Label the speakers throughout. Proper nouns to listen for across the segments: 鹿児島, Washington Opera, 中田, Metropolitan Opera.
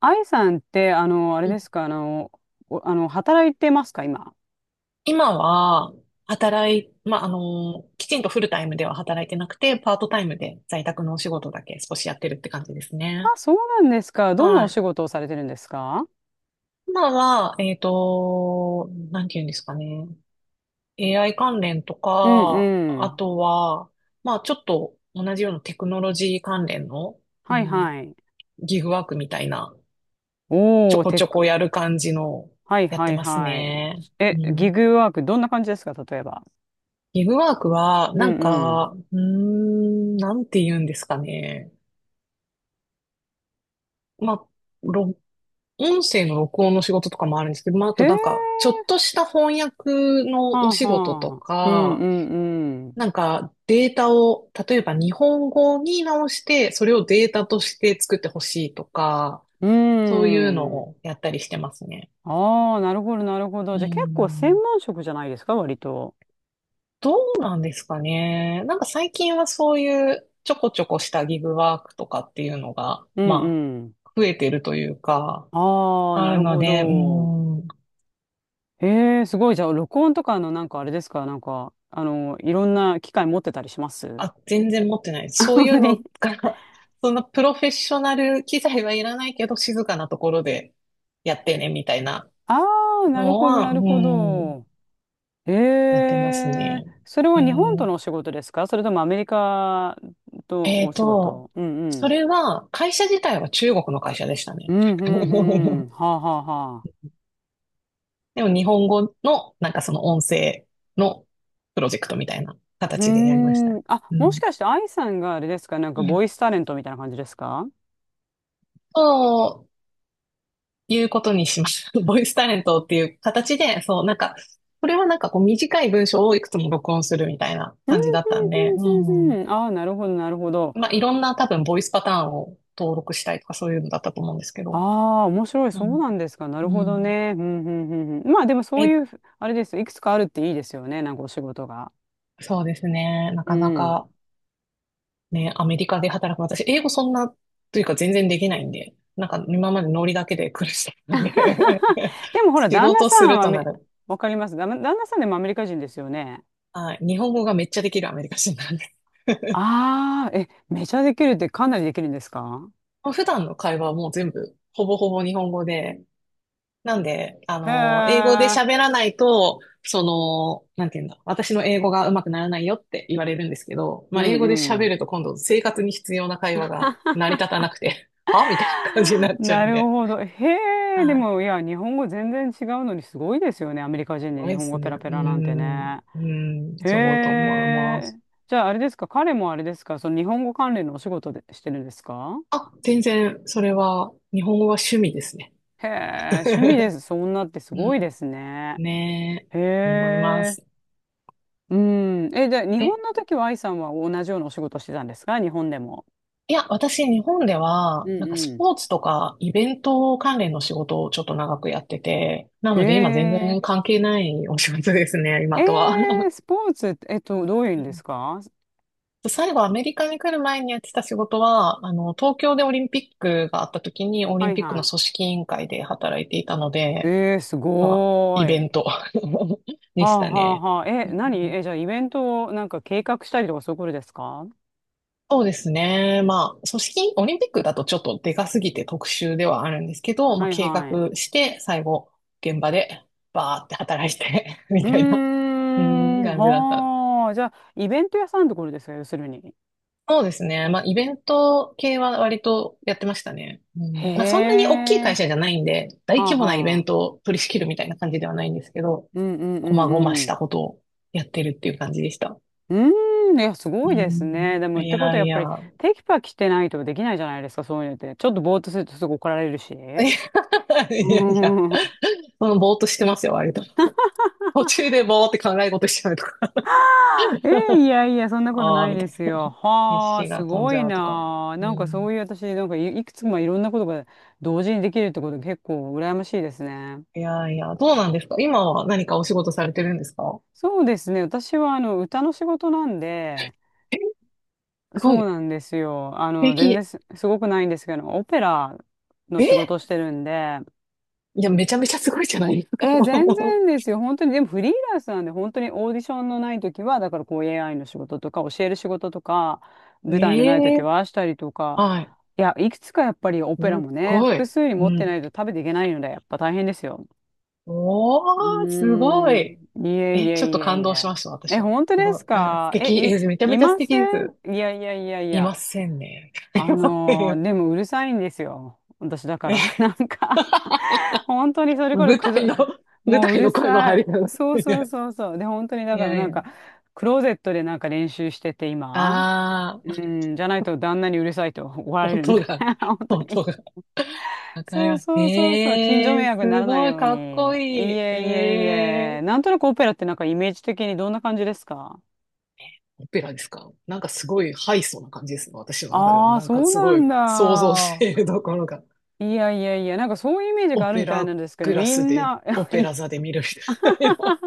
Speaker 1: 愛さんって、あれ
Speaker 2: う
Speaker 1: で
Speaker 2: ん
Speaker 1: すか、あの、おあの、働いてますか、今？
Speaker 2: 今は、働い、まあ、あの、きちんとフルタイムでは働いてなくて、パートタイムで在宅のお仕事だけ少しやってるって感じです
Speaker 1: あ、
Speaker 2: ね。
Speaker 1: そうなんですか。どんな
Speaker 2: は
Speaker 1: お
Speaker 2: い。
Speaker 1: 仕事をされてるんですか？
Speaker 2: 今は、なんて言うんですかね。AI 関連と
Speaker 1: うん
Speaker 2: か、
Speaker 1: う
Speaker 2: あ
Speaker 1: ん。
Speaker 2: とは、まあ、ちょっと同じようなテクノロジー関連の、う
Speaker 1: はい
Speaker 2: ん、
Speaker 1: はい。
Speaker 2: ギグワークみたいな、ちょ
Speaker 1: おー、
Speaker 2: こ
Speaker 1: テ
Speaker 2: ち
Speaker 1: ッ
Speaker 2: ょ
Speaker 1: ク。
Speaker 2: こやる感じの、
Speaker 1: はい
Speaker 2: やっ
Speaker 1: は
Speaker 2: て
Speaker 1: い
Speaker 2: ます
Speaker 1: はい。
Speaker 2: ね。う
Speaker 1: え、ギ
Speaker 2: ん
Speaker 1: グワーク、どんな感じですか、例えば？
Speaker 2: ギブワークは、
Speaker 1: うんうん。
Speaker 2: なんて言うんですかね。まあ、ろ音声の録音の仕事とかもあるんですけど、まあ、あ
Speaker 1: へ
Speaker 2: と
Speaker 1: ー、
Speaker 2: なんか、ちょっとした翻訳
Speaker 1: は
Speaker 2: のお
Speaker 1: あ
Speaker 2: 仕事と
Speaker 1: はあ。うん
Speaker 2: か、
Speaker 1: うん
Speaker 2: なんか、データを、例えば日本語に直して、それをデータとして作ってほしいとか、
Speaker 1: う
Speaker 2: そういうの
Speaker 1: ん。うん。
Speaker 2: をやったりしてますね。
Speaker 1: ああ、なるほどなるほど。
Speaker 2: う
Speaker 1: じゃあ結構専
Speaker 2: ん。
Speaker 1: 門職じゃないですか、割と。
Speaker 2: どうなんですかね。なんか最近はそういうちょこちょこしたギグワークとかっていうのが、
Speaker 1: うんうん。
Speaker 2: 増えてるというか、
Speaker 1: ああ、
Speaker 2: あ
Speaker 1: な
Speaker 2: る
Speaker 1: る
Speaker 2: の
Speaker 1: ほ
Speaker 2: で、
Speaker 1: ど。ええ、すごい。じゃあ、録音とかのなんかあれですか、なんか、いろんな機械持ってたりします？
Speaker 2: あ、全然持ってないです。そう
Speaker 1: 本
Speaker 2: い
Speaker 1: 当
Speaker 2: うの
Speaker 1: に。
Speaker 2: が、そんなプロフェッショナル機材はいらないけど、静かなところでやってね、みたいな
Speaker 1: ああ、なる
Speaker 2: の
Speaker 1: ほど、
Speaker 2: は、
Speaker 1: な
Speaker 2: う
Speaker 1: るほ
Speaker 2: ーん、
Speaker 1: ど。え
Speaker 2: やってます
Speaker 1: え、
Speaker 2: ね。
Speaker 1: それは
Speaker 2: え
Speaker 1: 日本とのお
Speaker 2: ー
Speaker 1: 仕事ですか、それともアメリカと
Speaker 2: え
Speaker 1: お
Speaker 2: ー
Speaker 1: 仕
Speaker 2: と、
Speaker 1: 事？うんう
Speaker 2: そ
Speaker 1: ん。
Speaker 2: れは、会社自体は中国の会社でした
Speaker 1: う
Speaker 2: ね。
Speaker 1: んうんうん。はあはあはあ。
Speaker 2: でも日本語の、なんかその音声のプロジェクトみたいな
Speaker 1: う
Speaker 2: 形でやりました
Speaker 1: ー
Speaker 2: ね。
Speaker 1: ん。あ、
Speaker 2: う
Speaker 1: もし
Speaker 2: ん。
Speaker 1: かして愛さんがあれですか、なんか
Speaker 2: うん
Speaker 1: ボイスタレントみたいな感じですか？
Speaker 2: そういうことにしました。ボイスタレントっていう形で、そう、なんか、これはなんかこう短い文章をいくつも録音するみたいな
Speaker 1: うんう
Speaker 2: 感じだったんで、う
Speaker 1: んうんう
Speaker 2: ん。
Speaker 1: んうん。ああ、なるほど、なるほど。
Speaker 2: いろんな多分ボイスパターンを登録したいとかそういうのだったと思うんですけど、
Speaker 1: ああ、面白い。
Speaker 2: う
Speaker 1: そう
Speaker 2: ん。
Speaker 1: なんですか。な
Speaker 2: う
Speaker 1: るほど
Speaker 2: ん。
Speaker 1: ね。うん、うん、うんうん。まあでもそう
Speaker 2: え、
Speaker 1: いう、あれですよ。いくつかあるっていいですよね。なんかお仕事が。
Speaker 2: そうですね。な
Speaker 1: う
Speaker 2: かな
Speaker 1: ん。
Speaker 2: かね、アメリカで働く私、英語そんな、というか全然できないんで、なんか今までノリだけで苦しかったんで
Speaker 1: でも ほら、
Speaker 2: 仕
Speaker 1: 旦那
Speaker 2: 事
Speaker 1: さ
Speaker 2: す
Speaker 1: ん
Speaker 2: る
Speaker 1: は
Speaker 2: とな
Speaker 1: め、
Speaker 2: る。
Speaker 1: わかります。旦那さんでもアメリカ人ですよね。
Speaker 2: はい。日本語がめっちゃできるアメリカ人なんです。
Speaker 1: ああ、え、めちゃできるってかなりできるんですか？
Speaker 2: もう普段の会話はもう全部、ほぼほぼ日本語で、なんで、
Speaker 1: へ
Speaker 2: 英語で
Speaker 1: え。
Speaker 2: 喋らないと、その、なんていうんだ、私の英語が上手くならないよって言われるんですけど、
Speaker 1: う
Speaker 2: 英
Speaker 1: ん
Speaker 2: 語で
Speaker 1: う
Speaker 2: 喋
Speaker 1: ん。
Speaker 2: ると今度生活に必要な会話が成り立たなくて、はみたいな感じになっちゃう
Speaker 1: な
Speaker 2: ん
Speaker 1: る
Speaker 2: で。
Speaker 1: ほど。へえ、で
Speaker 2: はい。
Speaker 1: も、いや、日本語全然違うのにすごいですよね。アメリカ人
Speaker 2: な
Speaker 1: で日
Speaker 2: いで
Speaker 1: 本
Speaker 2: す
Speaker 1: 語ペ
Speaker 2: ね。
Speaker 1: ラペラなんてね。
Speaker 2: うん、
Speaker 1: へ
Speaker 2: すごいと思いま
Speaker 1: え。
Speaker 2: す。
Speaker 1: じゃあ、あれですか、彼もあれですか、その日本語関連のお仕事でしてるんですか？
Speaker 2: 全然、それは、日本語は趣味ですね。
Speaker 1: へえ、趣味で す。そんなってす
Speaker 2: う
Speaker 1: ごい
Speaker 2: ん、
Speaker 1: ですね。
Speaker 2: ね
Speaker 1: へ
Speaker 2: え、思いま
Speaker 1: え。
Speaker 2: す。
Speaker 1: うん。え、で、日
Speaker 2: え、
Speaker 1: 本の時は愛さんは同じようなお仕事してたんですか、日本でも？
Speaker 2: 私、日本で
Speaker 1: う
Speaker 2: は、
Speaker 1: ん
Speaker 2: なんかス
Speaker 1: う
Speaker 2: ポーツとかイベント関連の仕事をちょっと長くやってて、な
Speaker 1: ん。へ
Speaker 2: ので今全
Speaker 1: え。
Speaker 2: 然関係ないお仕事ですね、
Speaker 1: え
Speaker 2: 今とは。
Speaker 1: ー、スポーツって、どういうん
Speaker 2: う
Speaker 1: です
Speaker 2: ん
Speaker 1: か？
Speaker 2: 最後、アメリカに来る前にやってた仕事は、東京でオリンピックがあった時に、オリ
Speaker 1: は
Speaker 2: ン
Speaker 1: い
Speaker 2: ピック
Speaker 1: は
Speaker 2: の組
Speaker 1: い。
Speaker 2: 織委員会で働いていたので、
Speaker 1: えー、す
Speaker 2: まあ、
Speaker 1: ご
Speaker 2: イベ
Speaker 1: ー
Speaker 2: ン
Speaker 1: い。
Speaker 2: ト で
Speaker 1: は
Speaker 2: し
Speaker 1: あ
Speaker 2: た
Speaker 1: はあ
Speaker 2: ね。
Speaker 1: はあ。え、
Speaker 2: う
Speaker 1: 何
Speaker 2: ん
Speaker 1: え、じゃあイベントをなんか計画したりとかそういうことですか？
Speaker 2: そうですね。オリンピックだとちょっとでかすぎて特殊ではあるんですけど、ま
Speaker 1: は
Speaker 2: あ、
Speaker 1: い
Speaker 2: 計画
Speaker 1: はい。
Speaker 2: して、最後、現場で、バーって働いて み
Speaker 1: うー
Speaker 2: たいな、うん、
Speaker 1: ん、
Speaker 2: 感じだった。
Speaker 1: はあ。じゃあ、イベント屋さんってことですか、要するに？
Speaker 2: そうですね。まあ、イベント系は割とやってましたね。
Speaker 1: へ
Speaker 2: そんなに大きい会
Speaker 1: え。
Speaker 2: 社じゃないんで、大
Speaker 1: はあ
Speaker 2: 規模なイベ
Speaker 1: は
Speaker 2: ン
Speaker 1: あ。
Speaker 2: トを取り仕切るみたいな感じではないんですけど、
Speaker 1: うんうんう
Speaker 2: 細
Speaker 1: ん
Speaker 2: 々
Speaker 1: う
Speaker 2: し
Speaker 1: ん。
Speaker 2: たことをやってるっていう感じでした。
Speaker 1: うーん、いや、す
Speaker 2: う
Speaker 1: ごいですね。
Speaker 2: ん、
Speaker 1: でも、っ
Speaker 2: い
Speaker 1: てことは
Speaker 2: や
Speaker 1: や
Speaker 2: い
Speaker 1: っぱ
Speaker 2: や。
Speaker 1: り、テキパキしてないとできないじゃないですか、そういうのって。ちょっとぼーっとするとすぐ怒られるし。
Speaker 2: いやい
Speaker 1: う
Speaker 2: や いや、
Speaker 1: ん、
Speaker 2: ぼーっとしてますよ、割と。途中でぼーって考え事しちゃうとか。
Speaker 1: えー、いやいや、そん なこと
Speaker 2: ああ、
Speaker 1: ない
Speaker 2: み
Speaker 1: で
Speaker 2: たい
Speaker 1: す
Speaker 2: な。
Speaker 1: よ。
Speaker 2: 意
Speaker 1: はあ、
Speaker 2: 識
Speaker 1: す
Speaker 2: が飛ん
Speaker 1: ご
Speaker 2: じ
Speaker 1: い
Speaker 2: ゃうとか。
Speaker 1: なあ。
Speaker 2: う
Speaker 1: なんかそ
Speaker 2: ん。
Speaker 1: ういう私、なんかい、いくつもいろんなことが同時にできるってこと結構羨ましいですね。
Speaker 2: いやいや、どうなんですか？今は何かお仕事されてるんですか？
Speaker 1: そうですね。私はあの歌の仕事なんで、
Speaker 2: え、す
Speaker 1: そ
Speaker 2: ごい。
Speaker 1: う
Speaker 2: 素
Speaker 1: なんですよ。あの、全然
Speaker 2: 敵。
Speaker 1: す、すごくないんですけど、オペラの仕事を
Speaker 2: え、
Speaker 1: してるんで、
Speaker 2: いや、めちゃめちゃすごいじゃないですか。
Speaker 1: えー全 然ですよ。本当に、でもフリーランスなんで、本当にオーディションのない時は、だからこう AI の仕事とか、教える仕事とか、舞台のない
Speaker 2: え
Speaker 1: 時
Speaker 2: え、
Speaker 1: はしたりとか、
Speaker 2: はい。
Speaker 1: いや、いくつかやっぱりオ
Speaker 2: す
Speaker 1: ペラ
Speaker 2: っ
Speaker 1: もね、
Speaker 2: ご
Speaker 1: 複
Speaker 2: い。
Speaker 1: 数に
Speaker 2: う
Speaker 1: 持ってない
Speaker 2: ん。
Speaker 1: と食べていけないので、やっぱ大変ですよ。う
Speaker 2: おー、すご
Speaker 1: ーん、
Speaker 2: い。
Speaker 1: いえい
Speaker 2: え、ちょっ
Speaker 1: え
Speaker 2: と
Speaker 1: い
Speaker 2: 感
Speaker 1: えい
Speaker 2: 動しました、
Speaker 1: え。え、
Speaker 2: 私は。
Speaker 1: 本当
Speaker 2: す
Speaker 1: で
Speaker 2: ご
Speaker 1: す
Speaker 2: い。え、素
Speaker 1: か、
Speaker 2: 敵。
Speaker 1: え、
Speaker 2: え、めちゃ
Speaker 1: い、い
Speaker 2: めちゃ素
Speaker 1: ませ
Speaker 2: 敵で
Speaker 1: ん、
Speaker 2: す。
Speaker 1: いやいやいやい
Speaker 2: い
Speaker 1: や。
Speaker 2: ませんね。い
Speaker 1: あ
Speaker 2: ません
Speaker 1: のー、
Speaker 2: よ。
Speaker 1: でもうるさいんですよ、私だから。
Speaker 2: ね、
Speaker 1: なんか本当にそれこそ
Speaker 2: 舞
Speaker 1: くぞ、
Speaker 2: 台の、舞
Speaker 1: もうう
Speaker 2: 台
Speaker 1: る
Speaker 2: の声の
Speaker 1: さ
Speaker 2: 入り
Speaker 1: い。
Speaker 2: なの。
Speaker 1: そう
Speaker 2: い
Speaker 1: そう
Speaker 2: や
Speaker 1: そうそう。で、本当にだ
Speaker 2: い
Speaker 1: から
Speaker 2: やい
Speaker 1: なんか、
Speaker 2: や。
Speaker 1: クローゼットでなんか練習してて今。
Speaker 2: ああ、
Speaker 1: うん、じゃないと旦那にうるさいと怒られるん
Speaker 2: 音
Speaker 1: で。
Speaker 2: が、
Speaker 1: 本当に。
Speaker 2: 音が。わかり
Speaker 1: そう
Speaker 2: ます。
Speaker 1: そうそうそう。近所
Speaker 2: ええ、
Speaker 1: 迷惑にな
Speaker 2: す
Speaker 1: らない
Speaker 2: ごい、
Speaker 1: ように。い
Speaker 2: かっこ
Speaker 1: えい
Speaker 2: いい。
Speaker 1: えい
Speaker 2: え
Speaker 1: え。
Speaker 2: ー。
Speaker 1: なんとなくオペラってなんかイメージ的にどんな感じですか？
Speaker 2: オペラですか？なんかすごいハイソな感じですね。私の中では。
Speaker 1: ああー、
Speaker 2: なんか
Speaker 1: そう
Speaker 2: す
Speaker 1: な
Speaker 2: ご
Speaker 1: ん
Speaker 2: い想像し
Speaker 1: だ。
Speaker 2: ているところが。
Speaker 1: いやいやいや、なんかそういうイメージ
Speaker 2: オ
Speaker 1: がある
Speaker 2: ペ
Speaker 1: みたい
Speaker 2: ラ
Speaker 1: なんですけど、
Speaker 2: グラ
Speaker 1: み
Speaker 2: ス
Speaker 1: ん
Speaker 2: で、
Speaker 1: な、
Speaker 2: オ
Speaker 1: い
Speaker 2: ペ
Speaker 1: や、
Speaker 2: ラ座で見るみたいな。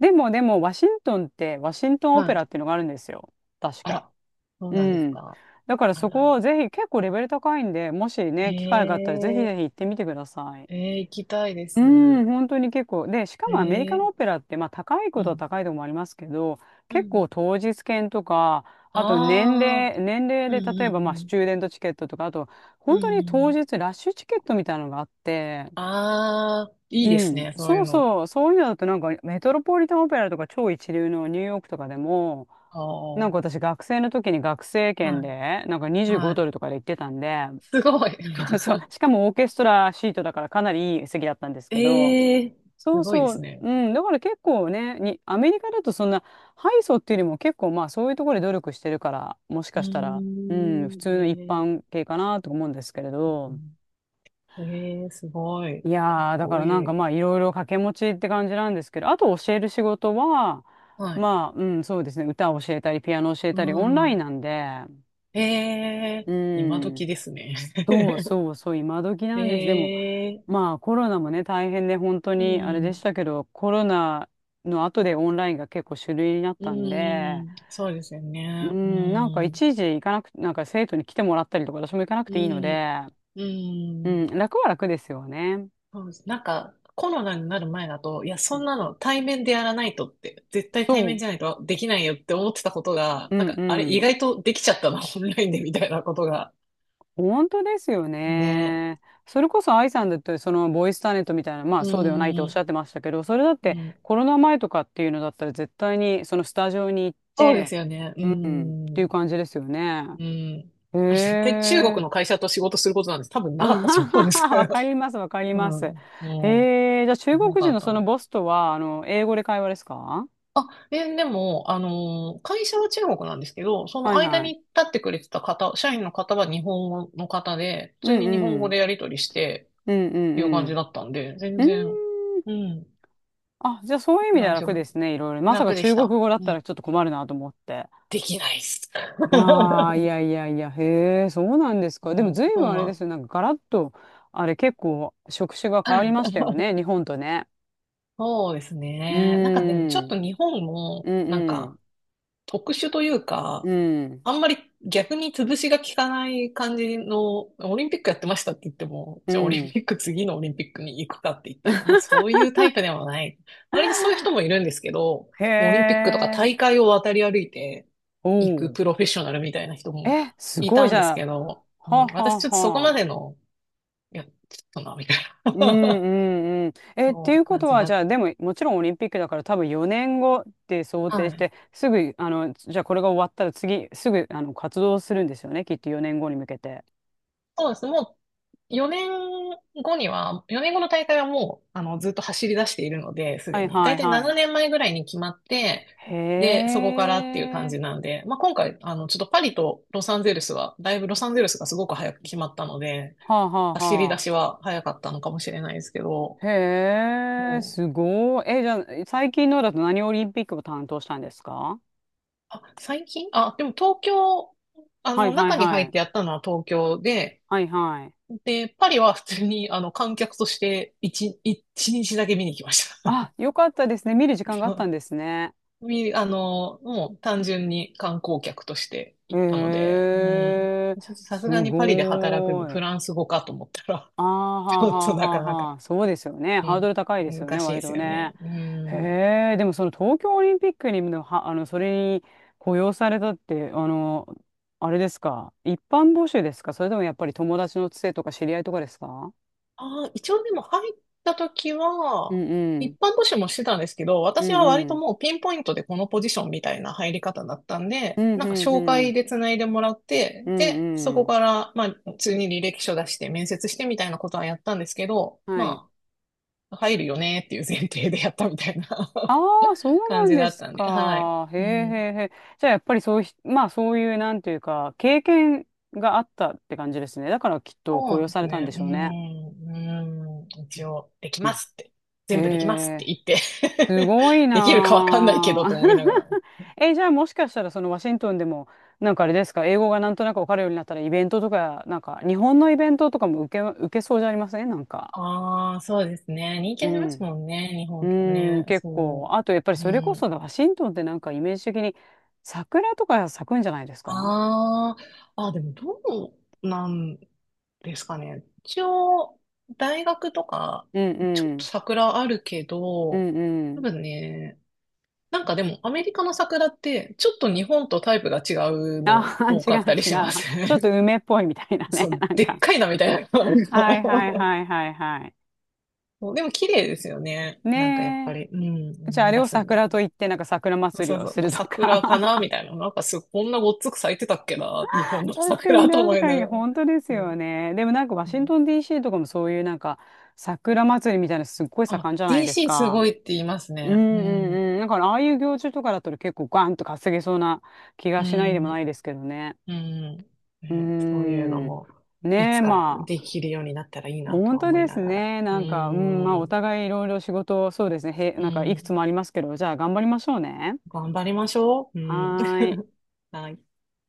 Speaker 1: でもでも、ワシントンって、ワシント ンオペ
Speaker 2: は
Speaker 1: ラ
Speaker 2: い。
Speaker 1: っていうのがあるんですよ、確
Speaker 2: あ
Speaker 1: か。
Speaker 2: ら、そう
Speaker 1: う
Speaker 2: なんです
Speaker 1: ん。
Speaker 2: か。
Speaker 1: だから
Speaker 2: あ
Speaker 1: そこ
Speaker 2: ら、
Speaker 1: をぜひ、結構レベル高いんで、もしね、機会があったらぜひ
Speaker 2: え
Speaker 1: ぜひ
Speaker 2: え、
Speaker 1: 行ってみてください。
Speaker 2: ええ、行きたいで
Speaker 1: うん、
Speaker 2: す。
Speaker 1: 本当に結構。で、しか
Speaker 2: え
Speaker 1: もアメリカのオ
Speaker 2: え、
Speaker 1: ペラって、まあ高い
Speaker 2: う
Speaker 1: ことは
Speaker 2: ん。
Speaker 1: 高いとこもありますけど、
Speaker 2: う
Speaker 1: 結
Speaker 2: ん。
Speaker 1: 構当日券とか、あと年
Speaker 2: ああ、
Speaker 1: 齢、年齢
Speaker 2: うん
Speaker 1: で例え
Speaker 2: う
Speaker 1: ばまあス
Speaker 2: ん
Speaker 1: チューデントチケットとか、あと
Speaker 2: う
Speaker 1: 本
Speaker 2: ん。う
Speaker 1: 当に当
Speaker 2: ん。
Speaker 1: 日ラッシュチケットみたいなのがあって、
Speaker 2: ああ、いい
Speaker 1: う
Speaker 2: です
Speaker 1: ん、
Speaker 2: ね、そうい
Speaker 1: そ
Speaker 2: う
Speaker 1: う
Speaker 2: の。
Speaker 1: そう、そういうのだとなんかメトロポリタンオペラとか超一流のニューヨークとかでも、
Speaker 2: ああ、
Speaker 1: なん
Speaker 2: は
Speaker 1: か私学生の時に学生券
Speaker 2: い、
Speaker 1: で、なんか
Speaker 2: はい。
Speaker 1: 25ドルとかで行ってたんで、
Speaker 2: すごい。
Speaker 1: そうそう、し かもオーケストラシートだからかなりいい席だったんですけど、
Speaker 2: ええ、
Speaker 1: そ
Speaker 2: す
Speaker 1: う
Speaker 2: ごいで
Speaker 1: そ
Speaker 2: す
Speaker 1: う、
Speaker 2: ね。
Speaker 1: うん、だから結構ね、に、アメリカだとそんな、ハイソっていうよりも結構まあそういうところで努力してるから、もし
Speaker 2: うー
Speaker 1: かしたら、うん、普
Speaker 2: ん、
Speaker 1: 通の一
Speaker 2: ええ、
Speaker 1: 般系かなと思うんですけれど、
Speaker 2: ええ、すごい。
Speaker 1: い
Speaker 2: かっ
Speaker 1: やー、だか
Speaker 2: こ
Speaker 1: らなん
Speaker 2: い
Speaker 1: か
Speaker 2: い。
Speaker 1: まあいろいろ掛け持ちって感じなんですけど、あと教える仕事は、
Speaker 2: はい。
Speaker 1: まあ、うん、そうですね、歌を教えたり、ピアノ教え
Speaker 2: う
Speaker 1: たり、オンライン
Speaker 2: ん。
Speaker 1: なんで、
Speaker 2: ええ、
Speaker 1: う
Speaker 2: 今
Speaker 1: ん、
Speaker 2: 時ですね。
Speaker 1: そうそうそう、今時 なんです。でも、
Speaker 2: ええ、
Speaker 1: まあコロナもね、大変で本当
Speaker 2: う
Speaker 1: にあれでし
Speaker 2: ん。
Speaker 1: たけど、コロナの後でオンラインが結構主流になっ
Speaker 2: う
Speaker 1: たんで、
Speaker 2: ん、そうですよ
Speaker 1: う
Speaker 2: ね。う
Speaker 1: ん、なんか
Speaker 2: ん、
Speaker 1: 一時行かなく、なんか生徒に来てもらったりとか、私も行かなく
Speaker 2: う
Speaker 1: ていいの
Speaker 2: ん、
Speaker 1: で、
Speaker 2: う
Speaker 1: う
Speaker 2: ん。
Speaker 1: ん、楽は楽ですよね。
Speaker 2: そうです。なんか、コロナになる前だと、いや、
Speaker 1: う
Speaker 2: そん
Speaker 1: ん、
Speaker 2: なの対面でやらないとって、絶対対
Speaker 1: そ
Speaker 2: 面
Speaker 1: う、
Speaker 2: じゃないとできないよって思ってたことが、
Speaker 1: う
Speaker 2: なん
Speaker 1: ん
Speaker 2: か、
Speaker 1: う
Speaker 2: あれ、意
Speaker 1: ん。
Speaker 2: 外とできちゃったな、オンラインでみたいなことが。
Speaker 1: 本当ですよ
Speaker 2: ね。
Speaker 1: ね。それこそ愛さんだって、そのボイスターネットみたいな、まあ
Speaker 2: う
Speaker 1: そうではないっておっしゃ
Speaker 2: ん、
Speaker 1: ってましたけど、それだっ
Speaker 2: う
Speaker 1: て
Speaker 2: ん。
Speaker 1: コロナ前とかっていうのだったら絶対にそのスタジオに行っ
Speaker 2: そうで
Speaker 1: て
Speaker 2: すよね。う
Speaker 1: っていう
Speaker 2: ん、
Speaker 1: 感じですよね。
Speaker 2: うん。
Speaker 1: へ
Speaker 2: 絶対中国
Speaker 1: え。
Speaker 2: の会社と仕事することなんて多分
Speaker 1: あ
Speaker 2: なかったと
Speaker 1: は
Speaker 2: 思う
Speaker 1: は
Speaker 2: んです
Speaker 1: は
Speaker 2: け
Speaker 1: わ
Speaker 2: ど。
Speaker 1: かります、わかり
Speaker 2: う
Speaker 1: ます。
Speaker 2: ん、も
Speaker 1: へえ、じゃあ中国
Speaker 2: よか
Speaker 1: 人
Speaker 2: っ
Speaker 1: のその
Speaker 2: た。
Speaker 1: ボスとは、英語で会話ですか？
Speaker 2: でも、会社は中国なんですけど、そ
Speaker 1: は
Speaker 2: の
Speaker 1: い
Speaker 2: 間
Speaker 1: はい。
Speaker 2: に立ってくれてた方、社員の方は日本語の方で、普
Speaker 1: う
Speaker 2: 通
Speaker 1: ん
Speaker 2: に日本
Speaker 1: う
Speaker 2: 語
Speaker 1: ん。
Speaker 2: でやり取りして
Speaker 1: うんう
Speaker 2: っていう
Speaker 1: ん
Speaker 2: 感
Speaker 1: う
Speaker 2: じ
Speaker 1: ん。
Speaker 2: だったんで、全
Speaker 1: うん。
Speaker 2: 然、うん、
Speaker 1: あ、じゃあそういう意味では
Speaker 2: 大丈
Speaker 1: 楽で
Speaker 2: 夫。
Speaker 1: すね、いろいろ。まさか
Speaker 2: 楽で
Speaker 1: 中
Speaker 2: し
Speaker 1: 国
Speaker 2: た。
Speaker 1: 語だっ
Speaker 2: う
Speaker 1: たら
Speaker 2: ん。
Speaker 1: ちょっと困るなと思って。
Speaker 2: できないっす。
Speaker 1: いやー、い やいやいや、へえ、そうなんですか。でも
Speaker 2: も
Speaker 1: 随
Speaker 2: う
Speaker 1: 分
Speaker 2: そう
Speaker 1: あれ
Speaker 2: な
Speaker 1: です
Speaker 2: ん。
Speaker 1: よ。なんかガラッと、あれ結構職種が変わりましたよね、日本とね。
Speaker 2: そうです
Speaker 1: うー
Speaker 2: ね。なんかでもちょっ
Speaker 1: ん。
Speaker 2: と日本
Speaker 1: う
Speaker 2: も、
Speaker 1: んうん。
Speaker 2: 特殊という
Speaker 1: う
Speaker 2: か、
Speaker 1: ん。
Speaker 2: あんまり逆に潰しが効かない感じの、オリンピックやってましたって言っても、
Speaker 1: う
Speaker 2: じゃあオリン
Speaker 1: ん。
Speaker 2: ピック次のオリンピックに行くかって言ったら、まあそういうタイプではない。割とそういう人もいるんですけど、
Speaker 1: へ
Speaker 2: もうオリンピックとか
Speaker 1: え。
Speaker 2: 大会を渡り歩いていく
Speaker 1: おう。
Speaker 2: プロフェッショナルみたいな人も
Speaker 1: え、す
Speaker 2: い
Speaker 1: ごい、
Speaker 2: た
Speaker 1: じ
Speaker 2: んです
Speaker 1: ゃ
Speaker 2: け
Speaker 1: あ。
Speaker 2: ど、う
Speaker 1: は
Speaker 2: ん、
Speaker 1: あは
Speaker 2: 私
Speaker 1: あ
Speaker 2: ちょっとそこま
Speaker 1: は
Speaker 2: で
Speaker 1: あ。
Speaker 2: の、いや、ちょっとな、みたい
Speaker 1: うん
Speaker 2: な
Speaker 1: うんうん。え、ってい
Speaker 2: そ
Speaker 1: う
Speaker 2: う
Speaker 1: こ
Speaker 2: 感
Speaker 1: と
Speaker 2: じ
Speaker 1: は、
Speaker 2: だ
Speaker 1: じゃ
Speaker 2: っ
Speaker 1: あ、でも、もちろんオリンピックだから多分4年後って想
Speaker 2: た。
Speaker 1: 定し
Speaker 2: はい。
Speaker 1: て、すぐ、あの、じゃあこれが終わったら次、すぐ、あの、活動するんですよね、きっと4年後に向けて。
Speaker 2: そうです。もう4年後には、4年後の大会はもう、ずっと走り出しているので、す
Speaker 1: は
Speaker 2: で
Speaker 1: い
Speaker 2: に。だ
Speaker 1: は
Speaker 2: い
Speaker 1: い
Speaker 2: たい
Speaker 1: は
Speaker 2: 7
Speaker 1: い。
Speaker 2: 年前ぐらいに決まって、
Speaker 1: へ
Speaker 2: で、そこからっていう感
Speaker 1: え。
Speaker 2: じなんで、まあ、今回、あの、ちょっとパリとロサンゼルスは、だいぶロサンゼルスがすごく早く決まったので、
Speaker 1: はあはあ
Speaker 2: 走り出
Speaker 1: は
Speaker 2: しは早かったのかもしれないですけど、
Speaker 1: あ。へえ、
Speaker 2: もう、
Speaker 1: すごい。え、じゃあ、最近のだと何オリンピックを担当したんですか？
Speaker 2: あ、最近あ、でも東京、
Speaker 1: はいはい
Speaker 2: 中に
Speaker 1: は
Speaker 2: 入っ
Speaker 1: い。
Speaker 2: てやったのは東京で、
Speaker 1: はいはい。
Speaker 2: で、パリは普通に、観客として1、一日だけ見に来まし
Speaker 1: あ、よかったですね。見る時間があった
Speaker 2: た。
Speaker 1: んですね。
Speaker 2: み、あの、もう単純に観光客として
Speaker 1: へ
Speaker 2: 行ったので、うん。
Speaker 1: え、
Speaker 2: ちょっとさす
Speaker 1: す
Speaker 2: がにパリで働くに
Speaker 1: ご
Speaker 2: フ
Speaker 1: い。
Speaker 2: ランス語かと思ったら、
Speaker 1: ああ、は
Speaker 2: ち
Speaker 1: あ
Speaker 2: ょっ
Speaker 1: は
Speaker 2: と
Speaker 1: あ
Speaker 2: な
Speaker 1: はあ
Speaker 2: かなか、
Speaker 1: はあ。そうですよね。
Speaker 2: う
Speaker 1: ハード
Speaker 2: ん、
Speaker 1: ル高いですよ
Speaker 2: 難
Speaker 1: ね、
Speaker 2: しいで
Speaker 1: 割
Speaker 2: す
Speaker 1: と
Speaker 2: よね。
Speaker 1: ね。
Speaker 2: う
Speaker 1: へ
Speaker 2: ん。
Speaker 1: え、でもその東京オリンピックにも、は、あの、それに雇用されたって、あの、あれですか。一般募集ですか、それともやっぱり友達のつてとか知り合いとかですか？
Speaker 2: あ、一応でも入った時
Speaker 1: う
Speaker 2: は、
Speaker 1: んう
Speaker 2: 一
Speaker 1: ん。
Speaker 2: 般募集もしてたんですけど、
Speaker 1: う
Speaker 2: 私
Speaker 1: ん
Speaker 2: は割
Speaker 1: う
Speaker 2: と
Speaker 1: ん。
Speaker 2: もうピンポイントでこのポジションみたいな入り方だったん
Speaker 1: う
Speaker 2: で、
Speaker 1: ん
Speaker 2: なんか
Speaker 1: うん
Speaker 2: 紹
Speaker 1: う
Speaker 2: 介
Speaker 1: ん。
Speaker 2: で繋いでもらっ
Speaker 1: う
Speaker 2: て、で、そ
Speaker 1: んう
Speaker 2: こ
Speaker 1: ん。
Speaker 2: から、まあ、普通に履歴書出して面接してみたいなことはやったんですけど、
Speaker 1: はい、
Speaker 2: まあ、入るよねっていう前提でやったみたいな
Speaker 1: ああ、そう な
Speaker 2: 感
Speaker 1: ん
Speaker 2: じ
Speaker 1: で
Speaker 2: だっ
Speaker 1: す
Speaker 2: たんで、はい。
Speaker 1: か。へえ
Speaker 2: う
Speaker 1: へ
Speaker 2: ん。
Speaker 1: えへえ。じゃあ、やっぱりそうひ、まあ、そういう、なんていうか、経験があったって感じですね。だから、きっと雇
Speaker 2: そう
Speaker 1: 用
Speaker 2: で
Speaker 1: さ
Speaker 2: す
Speaker 1: れたんで
Speaker 2: ね。
Speaker 1: しょうね。
Speaker 2: うん、一応、でき
Speaker 1: う
Speaker 2: ま
Speaker 1: ん、
Speaker 2: すって。
Speaker 1: へ
Speaker 2: 全部できますって
Speaker 1: え、
Speaker 2: 言って
Speaker 1: すごい な
Speaker 2: できるかわかんないけ
Speaker 1: あ。
Speaker 2: どと思いながら。
Speaker 1: え、じゃあ、もしかしたら、そのワシントンでも、なんかあれですか、英語がなんとなくわかるようになったら、イベントとか、なんか、日本のイベントとかも受け、受けそうじゃありませんなんか。
Speaker 2: ああ、そうですね。人
Speaker 1: う
Speaker 2: 気あります
Speaker 1: ん。
Speaker 2: もんね、日
Speaker 1: う
Speaker 2: 本とか
Speaker 1: ーん、
Speaker 2: ね。
Speaker 1: 結構。あ
Speaker 2: そ
Speaker 1: と、やっぱり
Speaker 2: う。う
Speaker 1: それこ
Speaker 2: ん。
Speaker 1: そ、ワシントンってなんかイメージ的に、桜とか咲くんじゃないですか？
Speaker 2: ああ、あ、でもどうなんですかね。一応、大学とか、
Speaker 1: うん
Speaker 2: ちょ
Speaker 1: う
Speaker 2: っと
Speaker 1: ん。
Speaker 2: 桜あるけど、
Speaker 1: うんう
Speaker 2: 多
Speaker 1: ん。
Speaker 2: 分ね、なんかでも、アメリカの桜って、ちょっと日本とタイプが違うの
Speaker 1: あ
Speaker 2: 多
Speaker 1: 違う
Speaker 2: か
Speaker 1: 違
Speaker 2: ったりしま
Speaker 1: う。
Speaker 2: す
Speaker 1: ちょっ
Speaker 2: ね。
Speaker 1: と梅っぽいみたいな ね、
Speaker 2: そう、
Speaker 1: なん
Speaker 2: で
Speaker 1: か。
Speaker 2: っかいなみたいな。なんか
Speaker 1: はいはい はいはいはい。
Speaker 2: そうでも綺麗ですよね。なんかやっぱ
Speaker 1: ね
Speaker 2: り、うん、
Speaker 1: え。じゃあ、
Speaker 2: 思
Speaker 1: あ
Speaker 2: い
Speaker 1: れ
Speaker 2: 出
Speaker 1: を
Speaker 2: すんで。
Speaker 1: 桜と言って、なんか桜祭り
Speaker 2: そう
Speaker 1: を
Speaker 2: そ
Speaker 1: す
Speaker 2: う、
Speaker 1: るとか。
Speaker 2: 桜かなみ たいな。なんかすごい、こんなごっつく咲いてたっけな日本の
Speaker 1: 確かに
Speaker 2: 桜と
Speaker 1: 確
Speaker 2: 思い
Speaker 1: か
Speaker 2: な
Speaker 1: に、
Speaker 2: がら。
Speaker 1: 本当です
Speaker 2: う
Speaker 1: よ
Speaker 2: ん
Speaker 1: ね。でもなんかワ
Speaker 2: う
Speaker 1: シン
Speaker 2: ん
Speaker 1: トン DC とかもそういうなんか桜祭りみたいなのすっごい
Speaker 2: あ、
Speaker 1: 盛んじゃないです
Speaker 2: DC す
Speaker 1: か。
Speaker 2: ごいって言います
Speaker 1: うん
Speaker 2: ね。う
Speaker 1: うん
Speaker 2: ん。
Speaker 1: うん。だからああいう行事とかだと結構ガンと稼げそうな気
Speaker 2: う
Speaker 1: がしないでも
Speaker 2: ん。
Speaker 1: ないですけどね。
Speaker 2: うん。
Speaker 1: うー
Speaker 2: ね、そういうの
Speaker 1: ん。
Speaker 2: も、い
Speaker 1: ねえ、
Speaker 2: つか
Speaker 1: まあ、
Speaker 2: できるようになったらいいなと
Speaker 1: 本
Speaker 2: は
Speaker 1: 当
Speaker 2: 思い
Speaker 1: で
Speaker 2: な
Speaker 1: す
Speaker 2: がら。
Speaker 1: ね。な
Speaker 2: う
Speaker 1: んか、うん、まあ、お
Speaker 2: ん。
Speaker 1: 互いいろいろ仕事、そうですね。へ、
Speaker 2: う
Speaker 1: なんか、いくつ
Speaker 2: ん。
Speaker 1: もありますけど、じゃあ頑張りましょうね。
Speaker 2: 頑張りましょう。う
Speaker 1: は
Speaker 2: ん。
Speaker 1: ーい。
Speaker 2: はい